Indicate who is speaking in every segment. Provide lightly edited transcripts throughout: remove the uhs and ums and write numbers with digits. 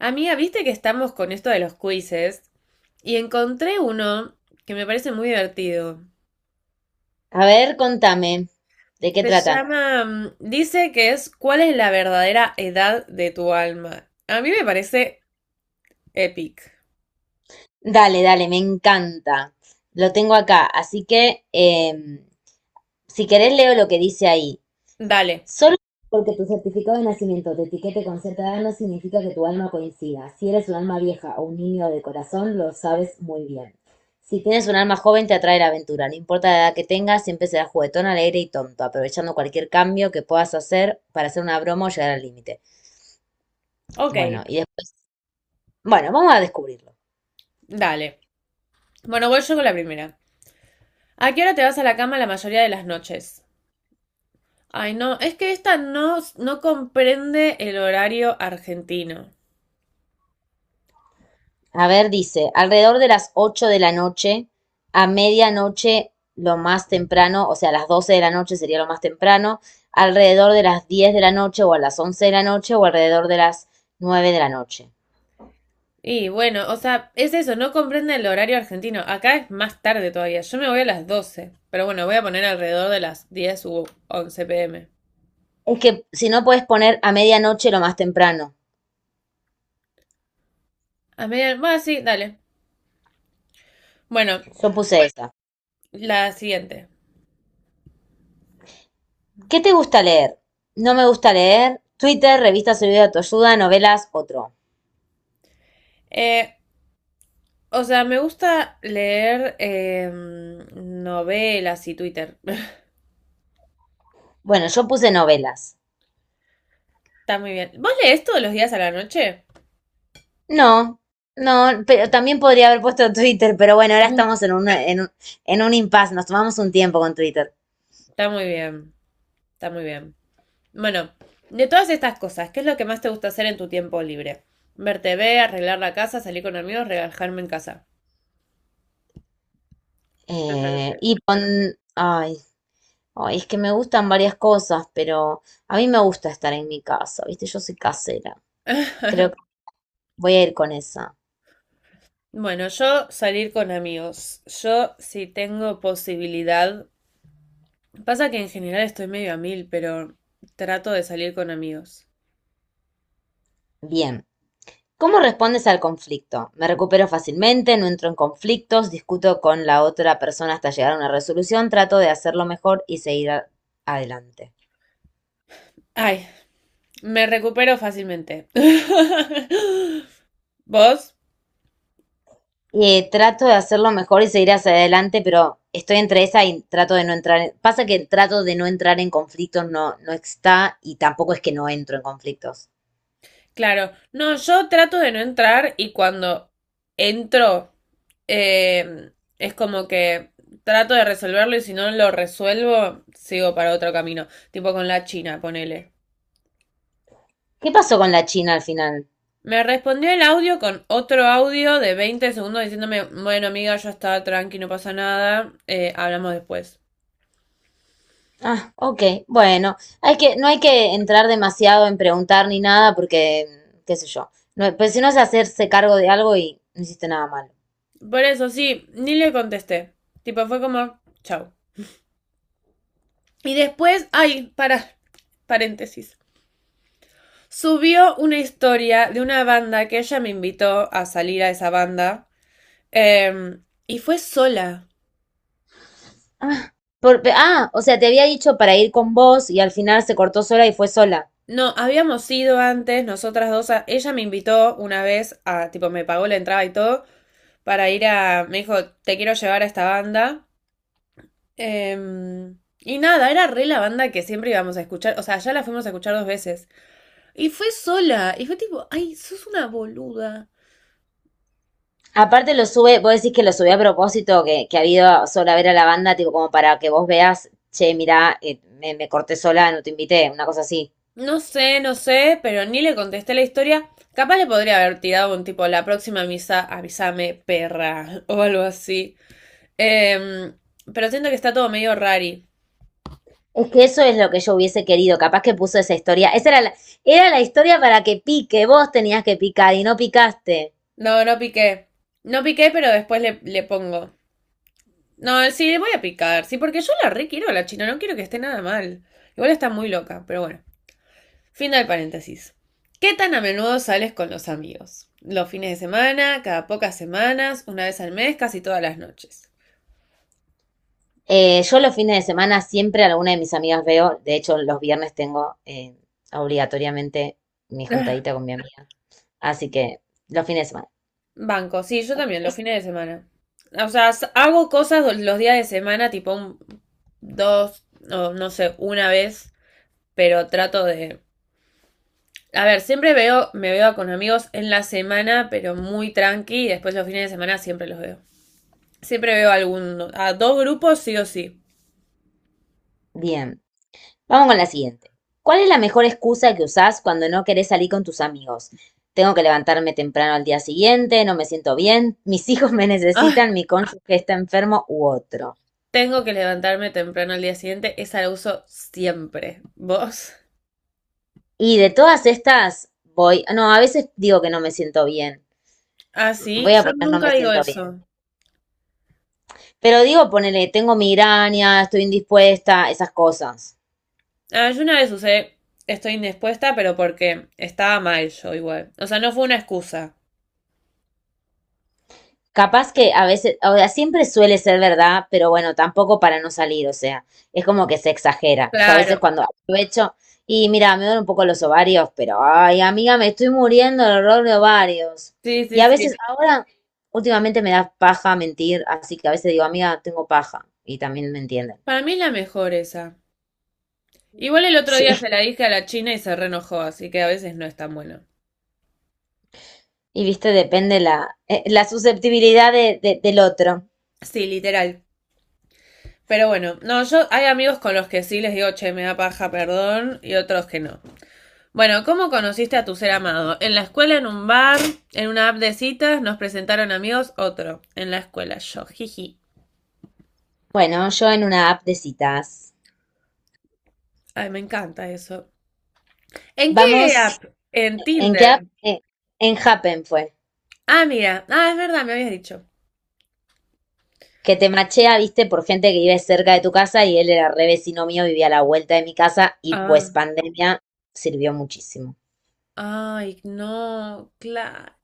Speaker 1: Amiga, viste que estamos con esto de los quizzes y encontré uno que me parece muy divertido.
Speaker 2: A ver, contame, ¿de qué
Speaker 1: Se
Speaker 2: trata?
Speaker 1: llama, dice que es ¿cuál es la verdadera edad de tu alma? A mí me parece epic.
Speaker 2: Dale, dale, me encanta. Lo tengo acá, así que si querés leo lo que dice ahí.
Speaker 1: Dale,
Speaker 2: Solo porque tu certificado de nacimiento te etiquete con cierta edad no significa que tu alma coincida. Si eres un alma vieja o un niño de corazón, lo sabes muy bien. Si tienes un alma joven, te atrae la aventura. No importa la edad que tengas, siempre serás juguetón, alegre y tonto, aprovechando cualquier cambio que puedas hacer para hacer una broma o llegar al límite.
Speaker 1: ok,
Speaker 2: Bueno, y después, bueno, vamos a descubrirlo.
Speaker 1: dale. Bueno, voy yo con la primera. ¿A qué hora te vas a la cama la mayoría de las noches? Ay, no, es que esta no, no comprende el horario argentino.
Speaker 2: A ver, dice, alrededor de las 8 de la noche, a medianoche lo más temprano, o sea, a las 12 de la noche sería lo más temprano, alrededor de las 10 de la noche o a las 11 de la noche o alrededor de las 9 de la noche.
Speaker 1: Y bueno, o sea, es eso, no comprende el horario argentino. Acá es más tarde todavía. Yo me voy a las 12, pero bueno, voy a poner alrededor de las diez u once pm.
Speaker 2: Es que si no puedes poner a medianoche lo más temprano.
Speaker 1: A medianoche, bueno, sí, dale. Bueno,
Speaker 2: Yo puse esa.
Speaker 1: la siguiente.
Speaker 2: ¿Qué te gusta leer? No me gusta leer. Twitter, revistas y video de autoayuda, novelas, otro.
Speaker 1: Eh, o sea, me gusta leer novelas y Twitter.
Speaker 2: Bueno, yo puse novelas.
Speaker 1: Está muy bien. ¿Vos lees todos los días a la noche?
Speaker 2: No, no, pero también podría haber puesto Twitter, pero bueno, ahora estamos en un impasse, nos tomamos un tiempo con Twitter.
Speaker 1: Está muy bien, está muy bien. Bueno, de todas estas cosas, ¿qué es lo que más te gusta hacer en tu tiempo libre? Ver TV, arreglar la casa, salir con amigos, relajarme en casa. Yo ya lo sé.
Speaker 2: Y con, ay, ay, es que me gustan varias cosas, pero a mí me gusta estar en mi casa, ¿viste? Yo soy casera. Creo que voy a ir con esa.
Speaker 1: Bueno, yo salir con amigos. Yo si tengo posibilidad. Pasa que en general estoy medio a mil, pero trato de salir con amigos.
Speaker 2: Bien. ¿Cómo respondes al conflicto? Me recupero fácilmente, no entro en conflictos, discuto con la otra persona hasta llegar a una resolución, trato de hacerlo mejor y seguir adelante.
Speaker 1: Ay, me recupero fácilmente. ¿Vos?
Speaker 2: Trato de hacerlo mejor y seguir hacia adelante, pero estoy entre esa y trato de no entrar. Pasa que trato de no entrar en conflictos no, no está y tampoco es que no entro en conflictos.
Speaker 1: Claro, no, yo trato de no entrar y cuando entro eh, es como que trato de resolverlo y si no lo resuelvo sigo para otro camino, tipo con la China, ponele.
Speaker 2: ¿Qué pasó con la China al final?
Speaker 1: Me respondió el audio con otro audio de 20 segundos diciéndome, bueno amiga, yo estaba tranqui, no pasa nada, hablamos después.
Speaker 2: Ah, ok, bueno, hay que, no hay que entrar demasiado en preguntar ni nada porque, qué sé yo, no, pues si no es hacerse cargo de algo y no hiciste nada malo.
Speaker 1: Por eso sí, ni le contesté, tipo fue como, chau. Y después, ay, para, paréntesis. Subió una historia de una banda que ella me invitó a salir a esa banda. eh, y fue sola.
Speaker 2: Ah, ah, o sea, te había dicho para ir con vos y al final se cortó sola y fue sola.
Speaker 1: No, habíamos ido antes, nosotras dos. Ella me invitó una vez a, tipo, me pagó la entrada y todo, para ir a. Me dijo, te quiero llevar a esta banda. Eh, y nada, era re la banda que siempre íbamos a escuchar. O sea, ya la fuimos a escuchar dos veces. Y fue sola. Y fue tipo, ay, sos una boluda.
Speaker 2: Aparte lo sube, vos decís que lo subí a propósito, que ha habido sola a ver a la banda, tipo como para que vos veas, che, mirá, me corté sola, no te invité, una cosa así.
Speaker 1: No sé, no sé, pero ni le contesté la historia. Capaz le podría haber tirado un tipo, la próxima misa, avísame, perra, o algo así. Em, pero siento que está todo medio rari.
Speaker 2: Es que eso es lo que yo hubiese querido, capaz que puso esa historia, era la historia para que pique, vos tenías que picar y no picaste.
Speaker 1: No, no piqué. No piqué, pero después le pongo. No, sí, le voy a picar, sí, porque yo la re quiero a la China, no quiero que esté nada mal. Igual está muy loca, pero bueno. Fin del paréntesis. ¿Qué tan a menudo sales con los amigos? Los fines de semana, cada pocas semanas, una vez al mes, casi todas las noches.
Speaker 2: Yo los fines de semana siempre a alguna de mis amigas veo, de hecho los viernes tengo obligatoriamente mi
Speaker 1: Ah,
Speaker 2: juntadita con mi amiga, así que los fines de semana.
Speaker 1: banco, sí, yo también, los fines de semana. O sea, hago cosas los días de semana, tipo dos, o no sé, una vez, pero trato de... A ver, siempre veo, me veo con amigos en la semana, pero muy tranqui, y después los fines de semana siempre los veo. Siempre veo algún, a dos grupos sí o sí.
Speaker 2: Bien. Vamos con la siguiente. ¿Cuál es la mejor excusa que usás cuando no querés salir con tus amigos? Tengo que levantarme temprano al día siguiente, no me siento bien, mis hijos me
Speaker 1: Ah,
Speaker 2: necesitan, mi cónyuge está enfermo u otro.
Speaker 1: tengo que levantarme temprano al día siguiente, esa la uso siempre. ¿Vos?
Speaker 2: Y de todas estas, voy, no, a veces digo que no me siento bien.
Speaker 1: Ah, sí,
Speaker 2: Voy a
Speaker 1: yo
Speaker 2: poner no
Speaker 1: nunca
Speaker 2: me
Speaker 1: digo
Speaker 2: siento bien.
Speaker 1: eso.
Speaker 2: Pero digo, ponele, tengo migraña, estoy indispuesta, esas cosas.
Speaker 1: Ah, yo una vez usé estoy indispuesta, pero porque estaba mal yo igual. O sea, no fue una excusa.
Speaker 2: Capaz que a veces, o sea, siempre suele ser verdad, pero bueno, tampoco para no salir, o sea, es como que se exagera. Yo a veces
Speaker 1: Claro.
Speaker 2: cuando aprovecho y mira, me duelen un poco los ovarios, pero ay, amiga, me estoy muriendo del dolor de ovarios.
Speaker 1: Sí,
Speaker 2: Y
Speaker 1: sí,
Speaker 2: a veces
Speaker 1: sí.
Speaker 2: ahora, últimamente me da paja mentir, así que a veces digo, amiga, tengo paja, y también me entienden.
Speaker 1: Para mí es la mejor esa. Igual el otro
Speaker 2: Sí,
Speaker 1: día se la dije a la China y se reenojó, así que a veces no es tan bueno.
Speaker 2: y viste, depende la susceptibilidad del otro.
Speaker 1: Sí, literal. Pero bueno, no, yo hay amigos con los que sí les digo, che, me da paja, perdón, y otros que no. Bueno, ¿cómo conociste a tu ser amado? En la escuela, en un bar, en una app de citas, nos presentaron amigos, otro. En la escuela, yo, jiji.
Speaker 2: Bueno, yo en una app de citas.
Speaker 1: Ay, me encanta eso. ¿En qué
Speaker 2: Vamos,
Speaker 1: app? En
Speaker 2: ¿en qué app?
Speaker 1: Tinder.
Speaker 2: En Happen fue.
Speaker 1: Ah, mira. Ah, es verdad, me habías dicho.
Speaker 2: Que te machea, viste, por gente que vive cerca de tu casa y él era re vecino mío, vivía a la vuelta de mi casa y
Speaker 1: Ah,
Speaker 2: pues pandemia sirvió muchísimo.
Speaker 1: ay, no, claro.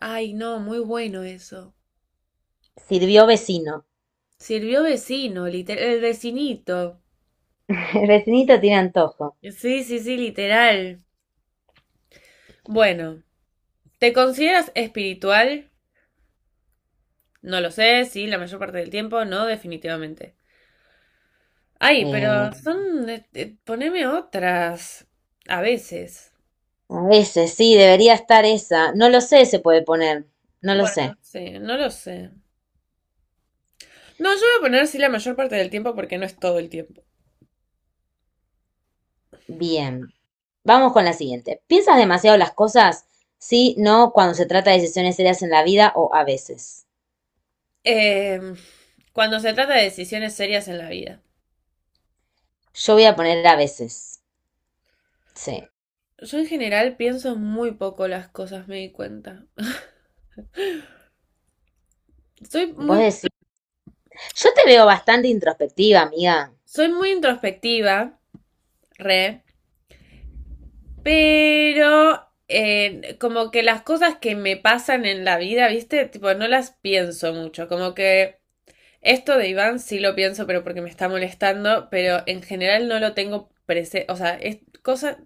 Speaker 1: Ay, no, muy bueno eso.
Speaker 2: Sirvió vecino.
Speaker 1: Sirvió vecino, el vecinito.
Speaker 2: El vecinito tiene antojo.
Speaker 1: Sí, sí, sí, literal. Bueno, ¿te consideras espiritual? No lo sé, sí, la mayor parte del tiempo, no, definitivamente. Ay,
Speaker 2: Eh,
Speaker 1: pero son... poneme otras. A veces.
Speaker 2: a veces sí, debería estar esa. No lo sé, se puede poner. No lo
Speaker 1: Bueno,
Speaker 2: sé.
Speaker 1: sí, no lo sé. No, yo voy a poner sí la mayor parte del tiempo porque no es todo el tiempo.
Speaker 2: Bien. Vamos con la siguiente. ¿Piensas demasiado las cosas? Sí, no, cuando se trata de decisiones serias en la vida o a veces.
Speaker 1: Eh, Cuando se trata de decisiones serias en la vida.
Speaker 2: Yo voy a poner a veces. Sí.
Speaker 1: Yo en general pienso muy poco las cosas, me di cuenta. Soy
Speaker 2: Vos
Speaker 1: muy,
Speaker 2: decís. Yo te veo bastante introspectiva, amiga.
Speaker 1: Soy muy introspectiva, re, pero como que las cosas que me pasan en la vida, ¿viste? Tipo, no las pienso mucho. Como que esto de Iván sí lo pienso, pero porque me está molestando, pero en general no lo tengo presente. O sea, es cosas.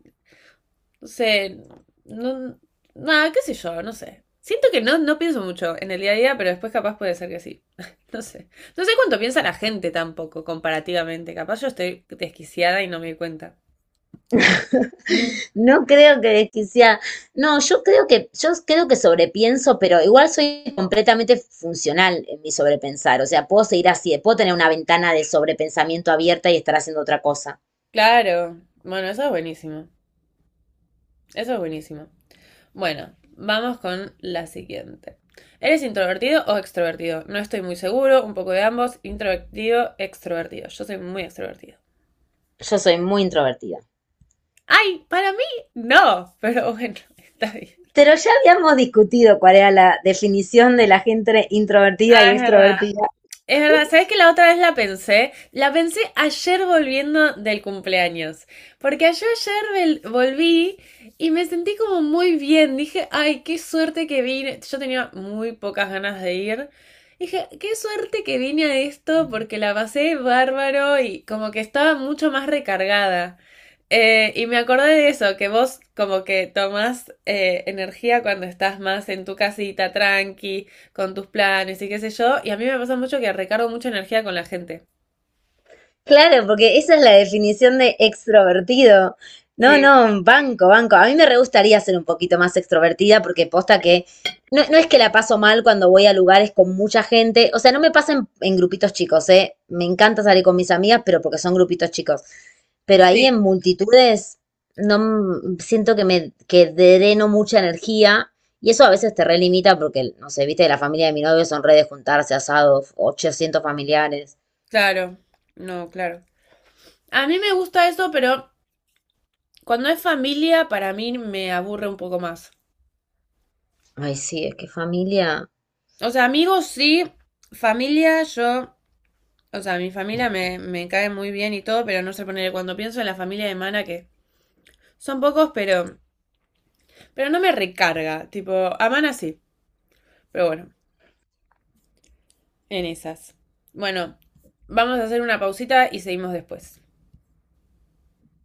Speaker 1: No sé, no, nada, qué sé yo, no sé. Siento que no, no pienso mucho en el día a día, pero después capaz puede ser que sí. No sé. No sé cuánto piensa la gente tampoco, comparativamente. Capaz yo estoy desquiciada y no me doy cuenta. Mm.
Speaker 2: No creo que desquiciada. No, yo creo que sobrepienso, pero igual soy completamente funcional en mi sobrepensar. O sea, puedo seguir así, puedo tener una ventana de sobrepensamiento abierta y estar haciendo otra cosa.
Speaker 1: Claro. Bueno, eso es buenísimo. Eso es buenísimo. Bueno, vamos con la siguiente. ¿Eres introvertido o extrovertido? No estoy muy seguro, un poco de ambos, introvertido, extrovertido. Yo soy muy extrovertido.
Speaker 2: Yo soy muy introvertida.
Speaker 1: ¡Ay! Para mí, no, pero bueno, está bien.
Speaker 2: Pero ya habíamos discutido cuál era la definición de la gente
Speaker 1: Ah,
Speaker 2: introvertida y
Speaker 1: es verdad.
Speaker 2: extrovertida.
Speaker 1: Es verdad. ¿Sabes que la otra vez la pensé? La pensé ayer volviendo del cumpleaños. Porque yo ayer volví y me sentí como muy bien. Dije, ay, qué suerte que vine. Yo tenía muy pocas ganas de ir. Dije, qué suerte que vine a esto porque la pasé bárbaro y como que estaba mucho más recargada. Y me acordé de eso, que vos como que tomás energía cuando estás más en tu casita, tranqui con tus planes y qué sé yo. Y a mí me pasa mucho que recargo mucha energía con la gente.
Speaker 2: Claro, porque esa es la definición de extrovertido. No,
Speaker 1: Sí,
Speaker 2: no, banco, banco. A mí me re gustaría ser un poquito más extrovertida porque posta que no, no es que la paso mal cuando voy a lugares con mucha gente. O sea, no me pasa en grupitos chicos, ¿eh? Me encanta salir con mis amigas, pero porque son grupitos chicos. Pero ahí
Speaker 1: sí,
Speaker 2: en multitudes no m- siento que me que dreno mucha energía y eso a veces te relimita porque, no sé, viste, la familia de mi novio son redes juntarse, asados, 800 familiares.
Speaker 1: claro. No, claro. A mí me gusta eso, pero cuando es familia, para mí me aburre un poco más.
Speaker 2: Ay, sí, es que familia.
Speaker 1: O sea, amigos sí, familia yo, o sea, mi familia me cae muy bien y todo, pero no sé poner cuando pienso en la familia de Mana que son pocos, pero no me recarga, tipo, a Mana sí, pero bueno, en esas. Bueno, vamos a hacer una pausita y seguimos después.